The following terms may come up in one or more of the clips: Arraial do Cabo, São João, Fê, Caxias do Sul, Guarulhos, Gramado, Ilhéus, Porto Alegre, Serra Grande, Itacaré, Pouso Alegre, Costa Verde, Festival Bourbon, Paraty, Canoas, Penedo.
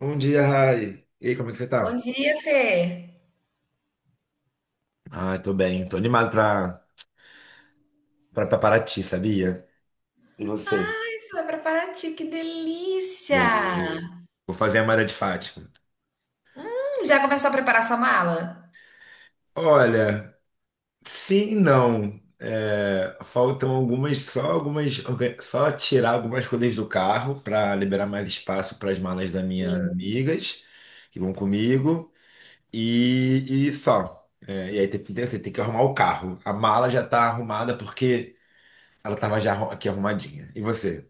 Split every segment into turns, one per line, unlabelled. Bom dia, Rai. E aí, como é que você tá?
Bom dia, Fê.
Ai, tô bem. Tô animado pra Paraty, sabia? E você?
Ah, isso vai para Paraty, que delícia!
Vou, vou fazer a Mara de Fátima.
Já começou a preparar sua mala?
Olha, sim e não. Faltam algumas, só algumas, só tirar algumas coisas do carro para liberar mais espaço para as malas das minhas
Sim.
amigas que vão comigo e só. E aí tem que arrumar o carro. A mala já tá arrumada porque ela tava já aqui arrumadinha. E você?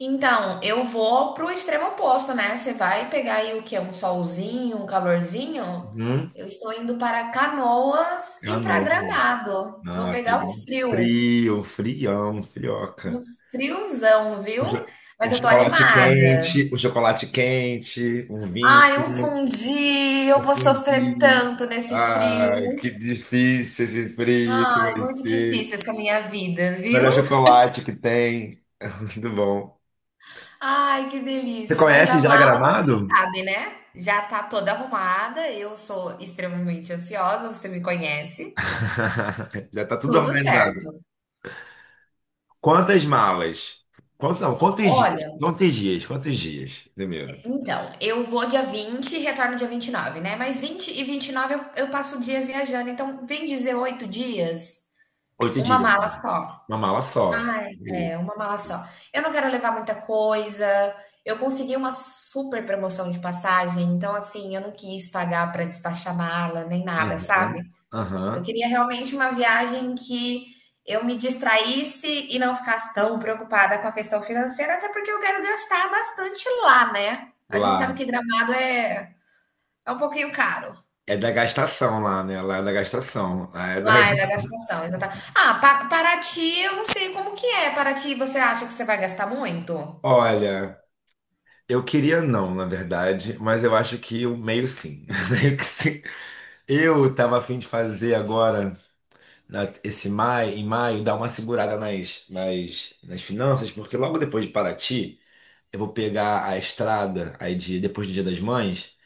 Então, eu vou pro extremo oposto, né? Você vai pegar aí o que é um solzinho, um calorzinho?
Uhum.
Eu estou indo para Canoas e
Ah,
para
não.
Gramado. Vou
Ah,
pegar um
pegar um
frio,
frio, um frião, um
um
frioca.
friozão,
Um,
viu?
cho- um
Mas eu tô
chocolate
animada.
quente, um chocolate quente, um
Ai, um
vinho,
fundi, eu
um
vou sofrer
fondue.
tanto nesse
Ah, que
frio.
difícil esse frio que
Ai,
vai
muito
ser.
difícil essa minha vida, viu?
Melhor chocolate que tem. Muito bom.
Ai, que
Você
delícia! Mas a
conhece já
mala você já
Gramado?
sabe, né? Já tá toda arrumada. Eu sou extremamente ansiosa, você me conhece.
Já tá tudo
Tudo
organizado.
certo.
Quantas malas? Quanto, não, quantos dias?
Olha,
Quantos dias? Quantos dias? Primeiro.
então, eu vou dia 20 e retorno dia 29, né? Mas 20 e 29 eu passo o dia viajando, então vem 18 dias,
Oito
uma
dias.
mala
né?
só.
Uma mala só.
Ai,
Isso.
é, uma mala só. Eu não quero levar muita coisa. Eu consegui uma super promoção de passagem, então assim, eu não quis pagar para despachar mala nem nada,
Aham,
sabe? Eu
aham.
queria realmente uma viagem que eu me distraísse e não ficasse tão preocupada com a questão financeira, até porque eu quero gastar bastante lá, né? A gente sabe
Lá.
que Gramado é um pouquinho caro.
É da gastação lá, né? Lá é da gastação. Lá é da
Lá é da gastação, exatamente. Ah, Paraty, eu não sei como que é. Paraty, você acha que você vai gastar muito?
olha, eu queria não, na verdade, mas eu acho que o meio sim. Meio que sim. Eu tava a fim de fazer agora, esse maio, em maio, dar uma segurada nas finanças, porque logo depois de Paraty, eu vou pegar a estrada aí depois do Dia das Mães.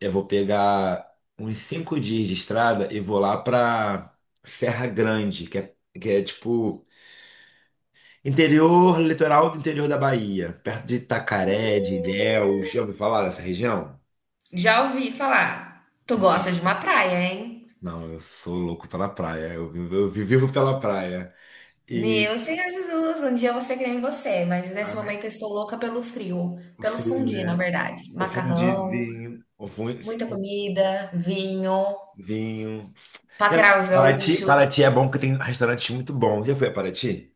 Eu vou pegar uns 5 dias de estrada e vou lá pra Serra Grande, que é tipo interior, litoral do interior da Bahia, perto de Itacaré, de Ilhéus. Já ouviu falar dessa região?
Já ouvi falar. Tu gosta de uma praia, hein?
Não, eu sou louco pela praia. Eu vivo, vivo pela praia. E
Meu Senhor Jesus, um dia eu vou ser que nem você, mas nesse
ai,
momento eu estou louca pelo frio,
o
pelo
frio,
fundir, na
né?
verdade.
O
Macarrão.
fundizinho, o
Muita comida, vinho,
fundinho.
paquerar os
Paraty,
gaúchos.
Paraty é bom porque tem restaurantes muito bons. Já foi a Paraty?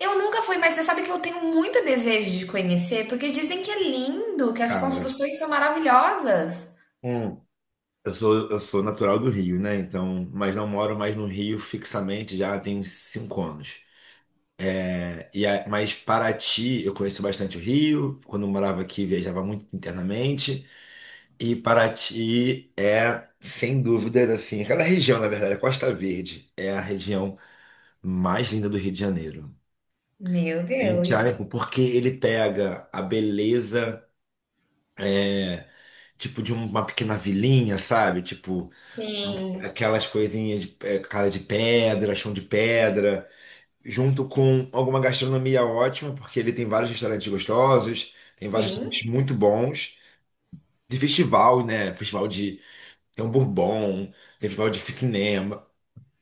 Eu nunca fui, mas você sabe que eu tenho muito desejo de conhecer, porque dizem que é lindo, que as
Cara,
construções são maravilhosas.
hum, eu sou natural do Rio, né? Então, mas não moro mais no Rio fixamente já tem uns 5 anos. Mas Paraty, eu conheço bastante o Rio. Quando eu morava aqui, viajava muito internamente. E Paraty é, sem dúvidas, assim, aquela região, na verdade, a Costa Verde é a região mais linda do Rio de Janeiro.
Meu
Em incrível
Deus.
porque ele pega a beleza, tipo, de uma pequena vilinha, sabe? Tipo,
Sim,
aquelas coisinhas de casa de pedra, chão de pedra, junto com alguma gastronomia ótima, porque ele tem vários restaurantes gostosos, tem vários restaurantes
sim.
muito bons, de festival, né? Festival de, tem um Bourbon, tem festival de cinema,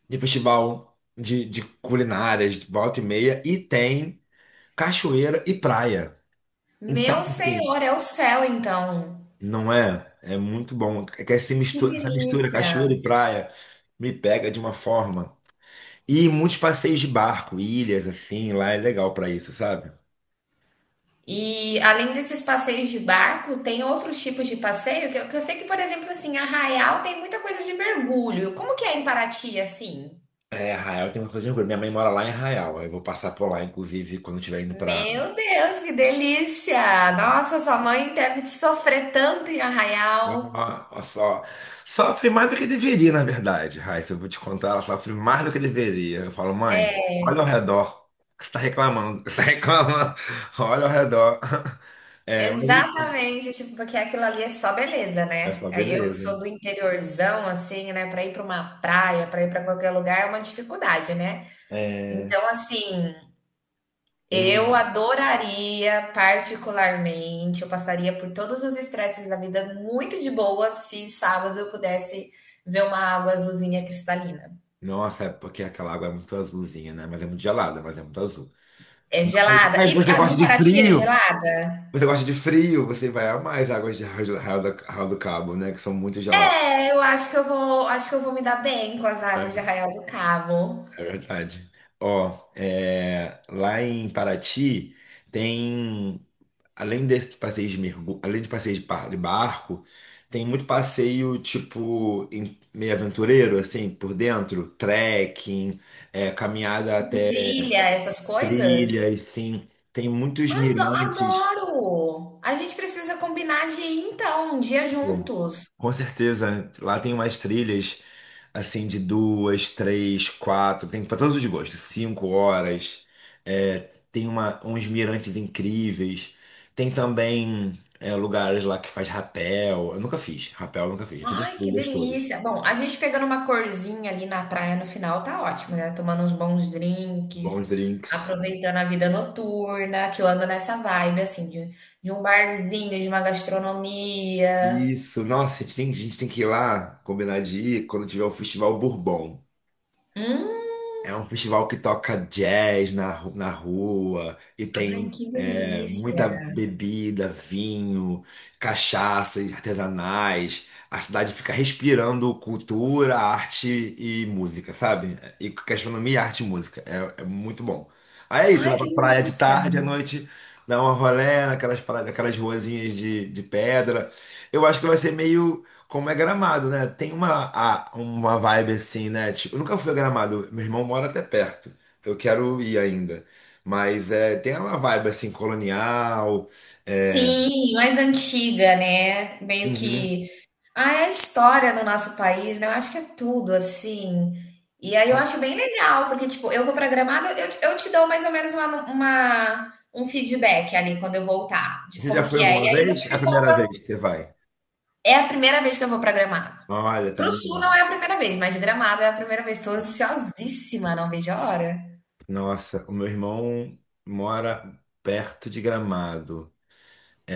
tem festival de culinárias, de volta e meia, e tem cachoeira e praia. Então,
Meu
assim,
Senhor, é o céu, então.
não é? É muito bom. É que
Que
essa mistura
delícia.
cachoeira e praia me pega de uma forma. E muitos passeios de barco, ilhas, assim, lá é legal pra isso, sabe?
E além desses passeios de barco, tem outros tipos de passeio que eu sei que, por exemplo, assim, Arraial tem muita coisa de mergulho. Como que é em Paraty, assim?
É, Arraial tem uma coisa de orgulho. Minha mãe mora lá em Arraial. Eu vou passar por lá, inclusive, quando estiver indo para.
Meu Deus, que delícia! Nossa, sua mãe deve sofrer tanto em Arraial.
Só, sofre mais do que deveria, na verdade, Raíssa. Eu vou te contar, ela sofre mais do que deveria. Eu falo, mãe, olha ao redor. Você está reclamando, você está reclamando. Olha ao redor. Mas enfim,
Exatamente, tipo, porque aquilo ali é só beleza,
é
né?
só
Aí eu que
beleza.
sou do interiorzão, assim, né? Para ir para uma praia, para ir para qualquer lugar é uma dificuldade, né?
É,
Então, assim, eu
um-
adoraria particularmente, eu passaria por todos os estresses da vida muito de boa se sábado eu pudesse ver uma água azulzinha cristalina.
Nossa, é porque aquela água é muito azulzinha, né? Mas é muito gelada, mas é muito azul.
É
Aí
gelada.
aí
E
você
a de
gosta de
Paraty é
frio?
gelada?
Você gosta de frio, você vai amar as águas de Arraial do Cabo, né? Que são muito geladas.
É, eu acho que eu vou, acho que eu vou me dar bem com as águas de
É,
Arraial do Cabo.
é verdade. Ó, lá em Paraty tem, além desses passeios de mergulho, além de passeios de de barco, tem muito passeio tipo meio aventureiro, assim, por dentro, trekking, caminhada
Tipo,
até
trilha, essas coisas.
trilhas, sim. Tem muitos
Ado-
mirantes.
Adoro! A gente precisa combinar de ir, então, um dia
Pô,
juntos.
com certeza, lá tem umas trilhas assim de duas, três, quatro, tem para todos os gostos, 5 horas. É, tem uma, uns mirantes incríveis. Tem também lugares lá que faz rapel. Eu nunca fiz, rapel eu nunca fiz. Eu fiz as
Ai, que
trilhas todas.
delícia! Bom, a gente pegando uma corzinha ali na praia no final tá ótimo, né? Tomando uns bons drinks,
Bons drinks.
aproveitando a vida noturna, que eu ando nessa vibe, assim, de, um barzinho, de uma gastronomia.
Isso, nossa, a gente tem que ir lá, combinar de ir quando tiver o Festival Bourbon.
Hum,
É um festival que toca jazz na rua e
ai,
tem
que delícia!
muita bebida, vinho, cachaças artesanais. A cidade fica respirando cultura, arte e música, sabe? E gastronomia, arte e música. É muito bom. Aí é isso, você
Ai,
vai
que
pra praia de
delícia!
tarde, à noite, dá uma rolê naquelas ruazinhas de pedra. Eu acho que vai ser meio como é Gramado, né? Tem uma vibe assim, né? Tipo, eu nunca fui a Gramado, meu irmão mora até perto, então eu quero ir ainda. Mas é, tem uma vibe assim, colonial. é,
Sim, mais antiga, né, meio
uhum.
que é a história do nosso país, né, eu acho que é tudo, assim. E aí eu acho bem legal, porque, tipo, eu vou pra Gramado, eu te dou mais ou menos uma um feedback ali quando eu voltar, de
Você já
como
foi
que é.
alguma
E aí
vez? É
você
a
me
primeira
conta
vez que você vai.
é a primeira vez que eu vou pra Gramado.
Olha, tá
Para o Sul
animado.
não é a primeira vez, mas Gramado é a primeira vez, tô ansiosíssima, não vejo a hora.
Nossa, o meu irmão mora perto de Gramado.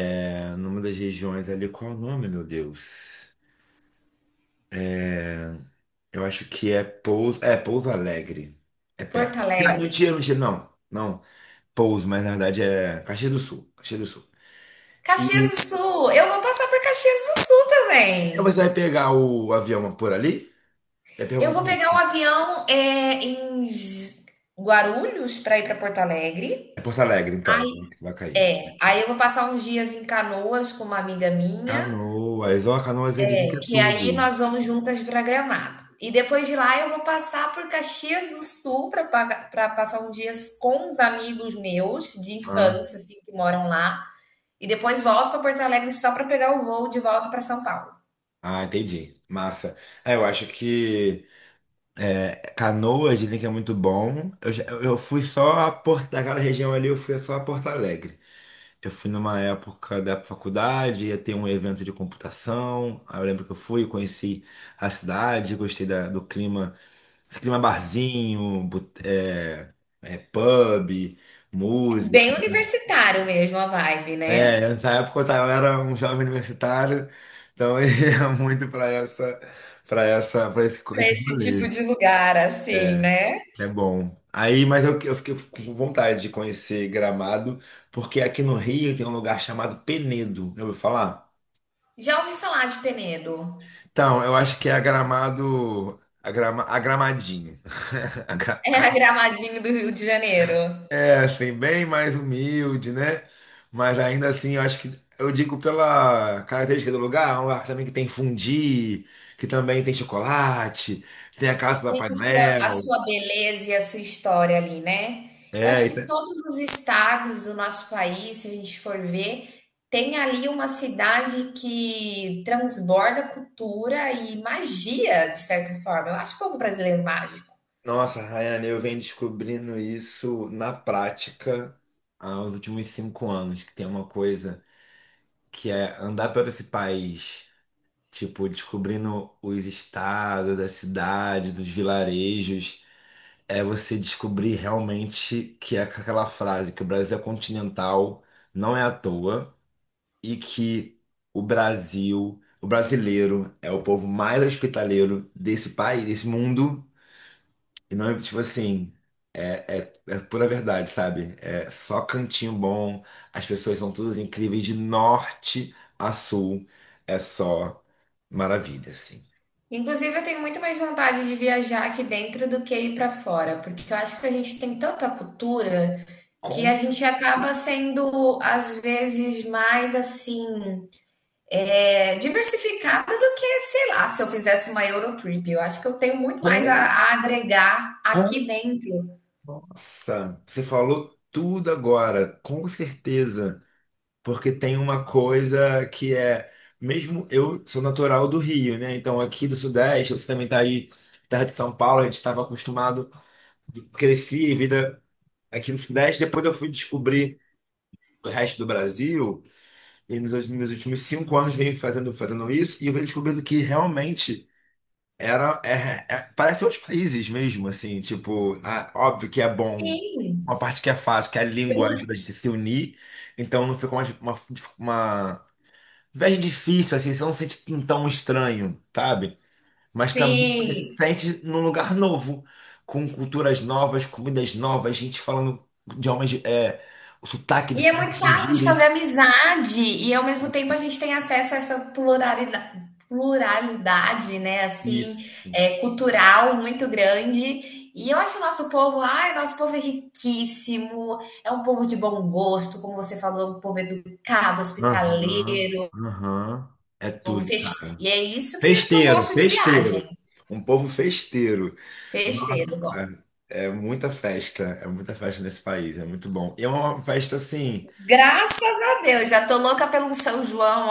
Numa das regiões ali. Qual é o nome, meu Deus? É. Eu acho que é Pouso Alegre. É
Porto
perto. Ah, mentira,
Alegre.
mentira, não. Não, Pouso, mas na verdade é Caxias do Sul, Caxias do Sul.
Caxias
E
do Sul, eu vou passar por Caxias do Sul
aí você
também.
vai pegar o avião por ali? É
Eu
pergunta
vou pegar
aí.
um avião em Guarulhos para ir para Porto
É
Alegre.
Porto Alegre, então,
Aí,
né, que vai cair.
aí eu vou passar uns dias em Canoas com uma amiga minha,
Canoas, ó, Canoas é, dizem que é
que aí
tudo.
nós vamos juntas para Gramado. E depois de lá eu vou passar por Caxias do Sul para passar uns dias com uns amigos meus de
Ah,
infância, assim, que moram lá. E depois volto para Porto Alegre só para pegar o voo de volta para São Paulo.
ah, entendi. Massa. Ah, eu acho que Canoas dizem que é muito bom. Eu fui só a Porto, daquela região ali, eu fui só a Porto Alegre. Eu fui numa época da faculdade, ia ter um evento de computação. Aí eu lembro que eu fui, conheci a cidade, gostei do clima, esse clima barzinho, pub,
É
música.
bem universitário mesmo a vibe, né?
Na época eu era um jovem universitário, então eu ia muito para essa, para essa, para esse,
Para
esse
esse tipo
rolê.
de lugar, assim, né?
É bom. Aí, mas eu fiquei com vontade de conhecer Gramado, porque aqui no Rio tem um lugar chamado Penedo. Já ouviu falar?
Já ouvi falar de Penedo.
Então, eu acho que é a Gramado, a Gramadinho. A Gra-
É a Gramadinho do Rio de Janeiro.
Assim, bem mais humilde, né? Mas ainda assim, eu acho que, eu digo pela característica do lugar, é um lugar também que tem fundi, que também tem chocolate, tem a casa do
Tem
Papai
a sua, a
Noel.
sua beleza e a sua história ali, né? Eu
É,
acho
e
que
tem-
todos os estados do nosso país, se a gente for ver, tem ali uma cidade que transborda cultura e magia, de certa forma. Eu acho o povo brasileiro mágico.
Nossa, Rayane, eu venho descobrindo isso na prática há uns últimos 5 anos, que tem uma coisa que é andar por esse país. Tipo, descobrindo os estados, as cidades, os vilarejos, é você descobrir realmente que é aquela frase que o Brasil é continental, não é à toa, e que o Brasil, o brasileiro, é o povo mais hospitaleiro desse país, desse mundo. E não é tipo assim, é pura verdade, sabe? É só cantinho bom, as pessoas são todas incríveis de norte a sul, é só maravilha, assim.
Inclusive, eu tenho muito mais vontade de viajar aqui dentro do que ir para fora, porque eu acho que a gente tem tanta cultura que a
Com
gente acaba sendo, às vezes, mais assim, diversificada do que, sei lá, se eu fizesse uma Eurotrip. Eu acho que eu tenho muito mais a,
Com,
a agregar
com,
aqui dentro.
nossa, você falou tudo agora, com certeza. Porque tem uma coisa que é, mesmo eu sou natural do Rio, né? Então aqui do Sudeste, você também tá aí, terra de São Paulo, a gente estava acostumado, cresci, vida aqui no Sudeste, depois eu fui descobrir o resto do Brasil, e meus últimos 5 anos venho fazendo isso, e eu venho descobrindo que realmente. Parece outros países mesmo, assim, tipo, ah, óbvio que é bom,
Sim,
uma parte que é fácil, que a língua
pelo-
ajuda a gente a se unir, então não fica uma viagem difícil, assim, você não se sente tão estranho, sabe? Mas também você se
sim.
sente num lugar novo, com culturas novas, comidas novas, gente falando idiomas, o sotaque
E é
diferente
muito
com
fácil de fazer
gírias.
amizade, e ao mesmo tempo a gente tem acesso a essa pluralidade né, assim,
Isso.
cultural muito grande. E eu acho o nosso povo, ai, nosso povo é riquíssimo, é um povo de bom gosto, como você falou, um povo educado,
Aham,
hospitaleiro,
aham, é tudo,
festeiro.
cara.
E é isso que eu
Festeiro,
gosto de
festeiro.
viagem,
Um povo festeiro.
festeiro, eu gosto.
É muita festa, é muita festa nesse país, é muito bom. E é uma festa assim.
Graças a Deus, já tô louca pelo São João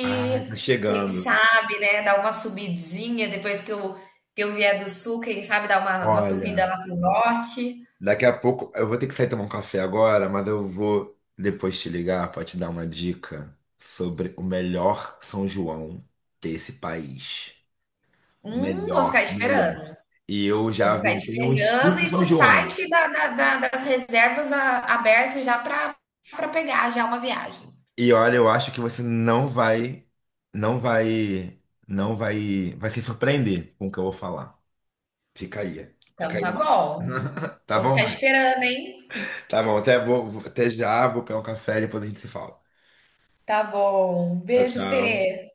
Ai, tá
Quem
chegando.
sabe, né, dar uma subidinha depois que eu vier do sul, quem sabe dar uma subida
Olha,
lá pro norte.
daqui a pouco eu vou ter que sair tomar um café agora, mas eu vou depois te ligar para te dar uma dica sobre o melhor São João desse país. O
Vou
melhor,
ficar
o melhor.
esperando.
E eu
Vou
já
ficar
visitei uns
esperando
cinco
e com
São
o
João.
site das reservas aberto já para pegar já uma viagem.
E olha, eu acho que você não vai, vai se surpreender com o que eu vou falar. Fica aí, fica
Então
aí
tá
mal.
bom.
Tá
Vou
bom,
ficar
né?
esperando, hein?
Tá bom, até já, vou pegar um café e depois a gente se fala.
Tá bom.
Tchau,
Beijo,
tchau.
Fê.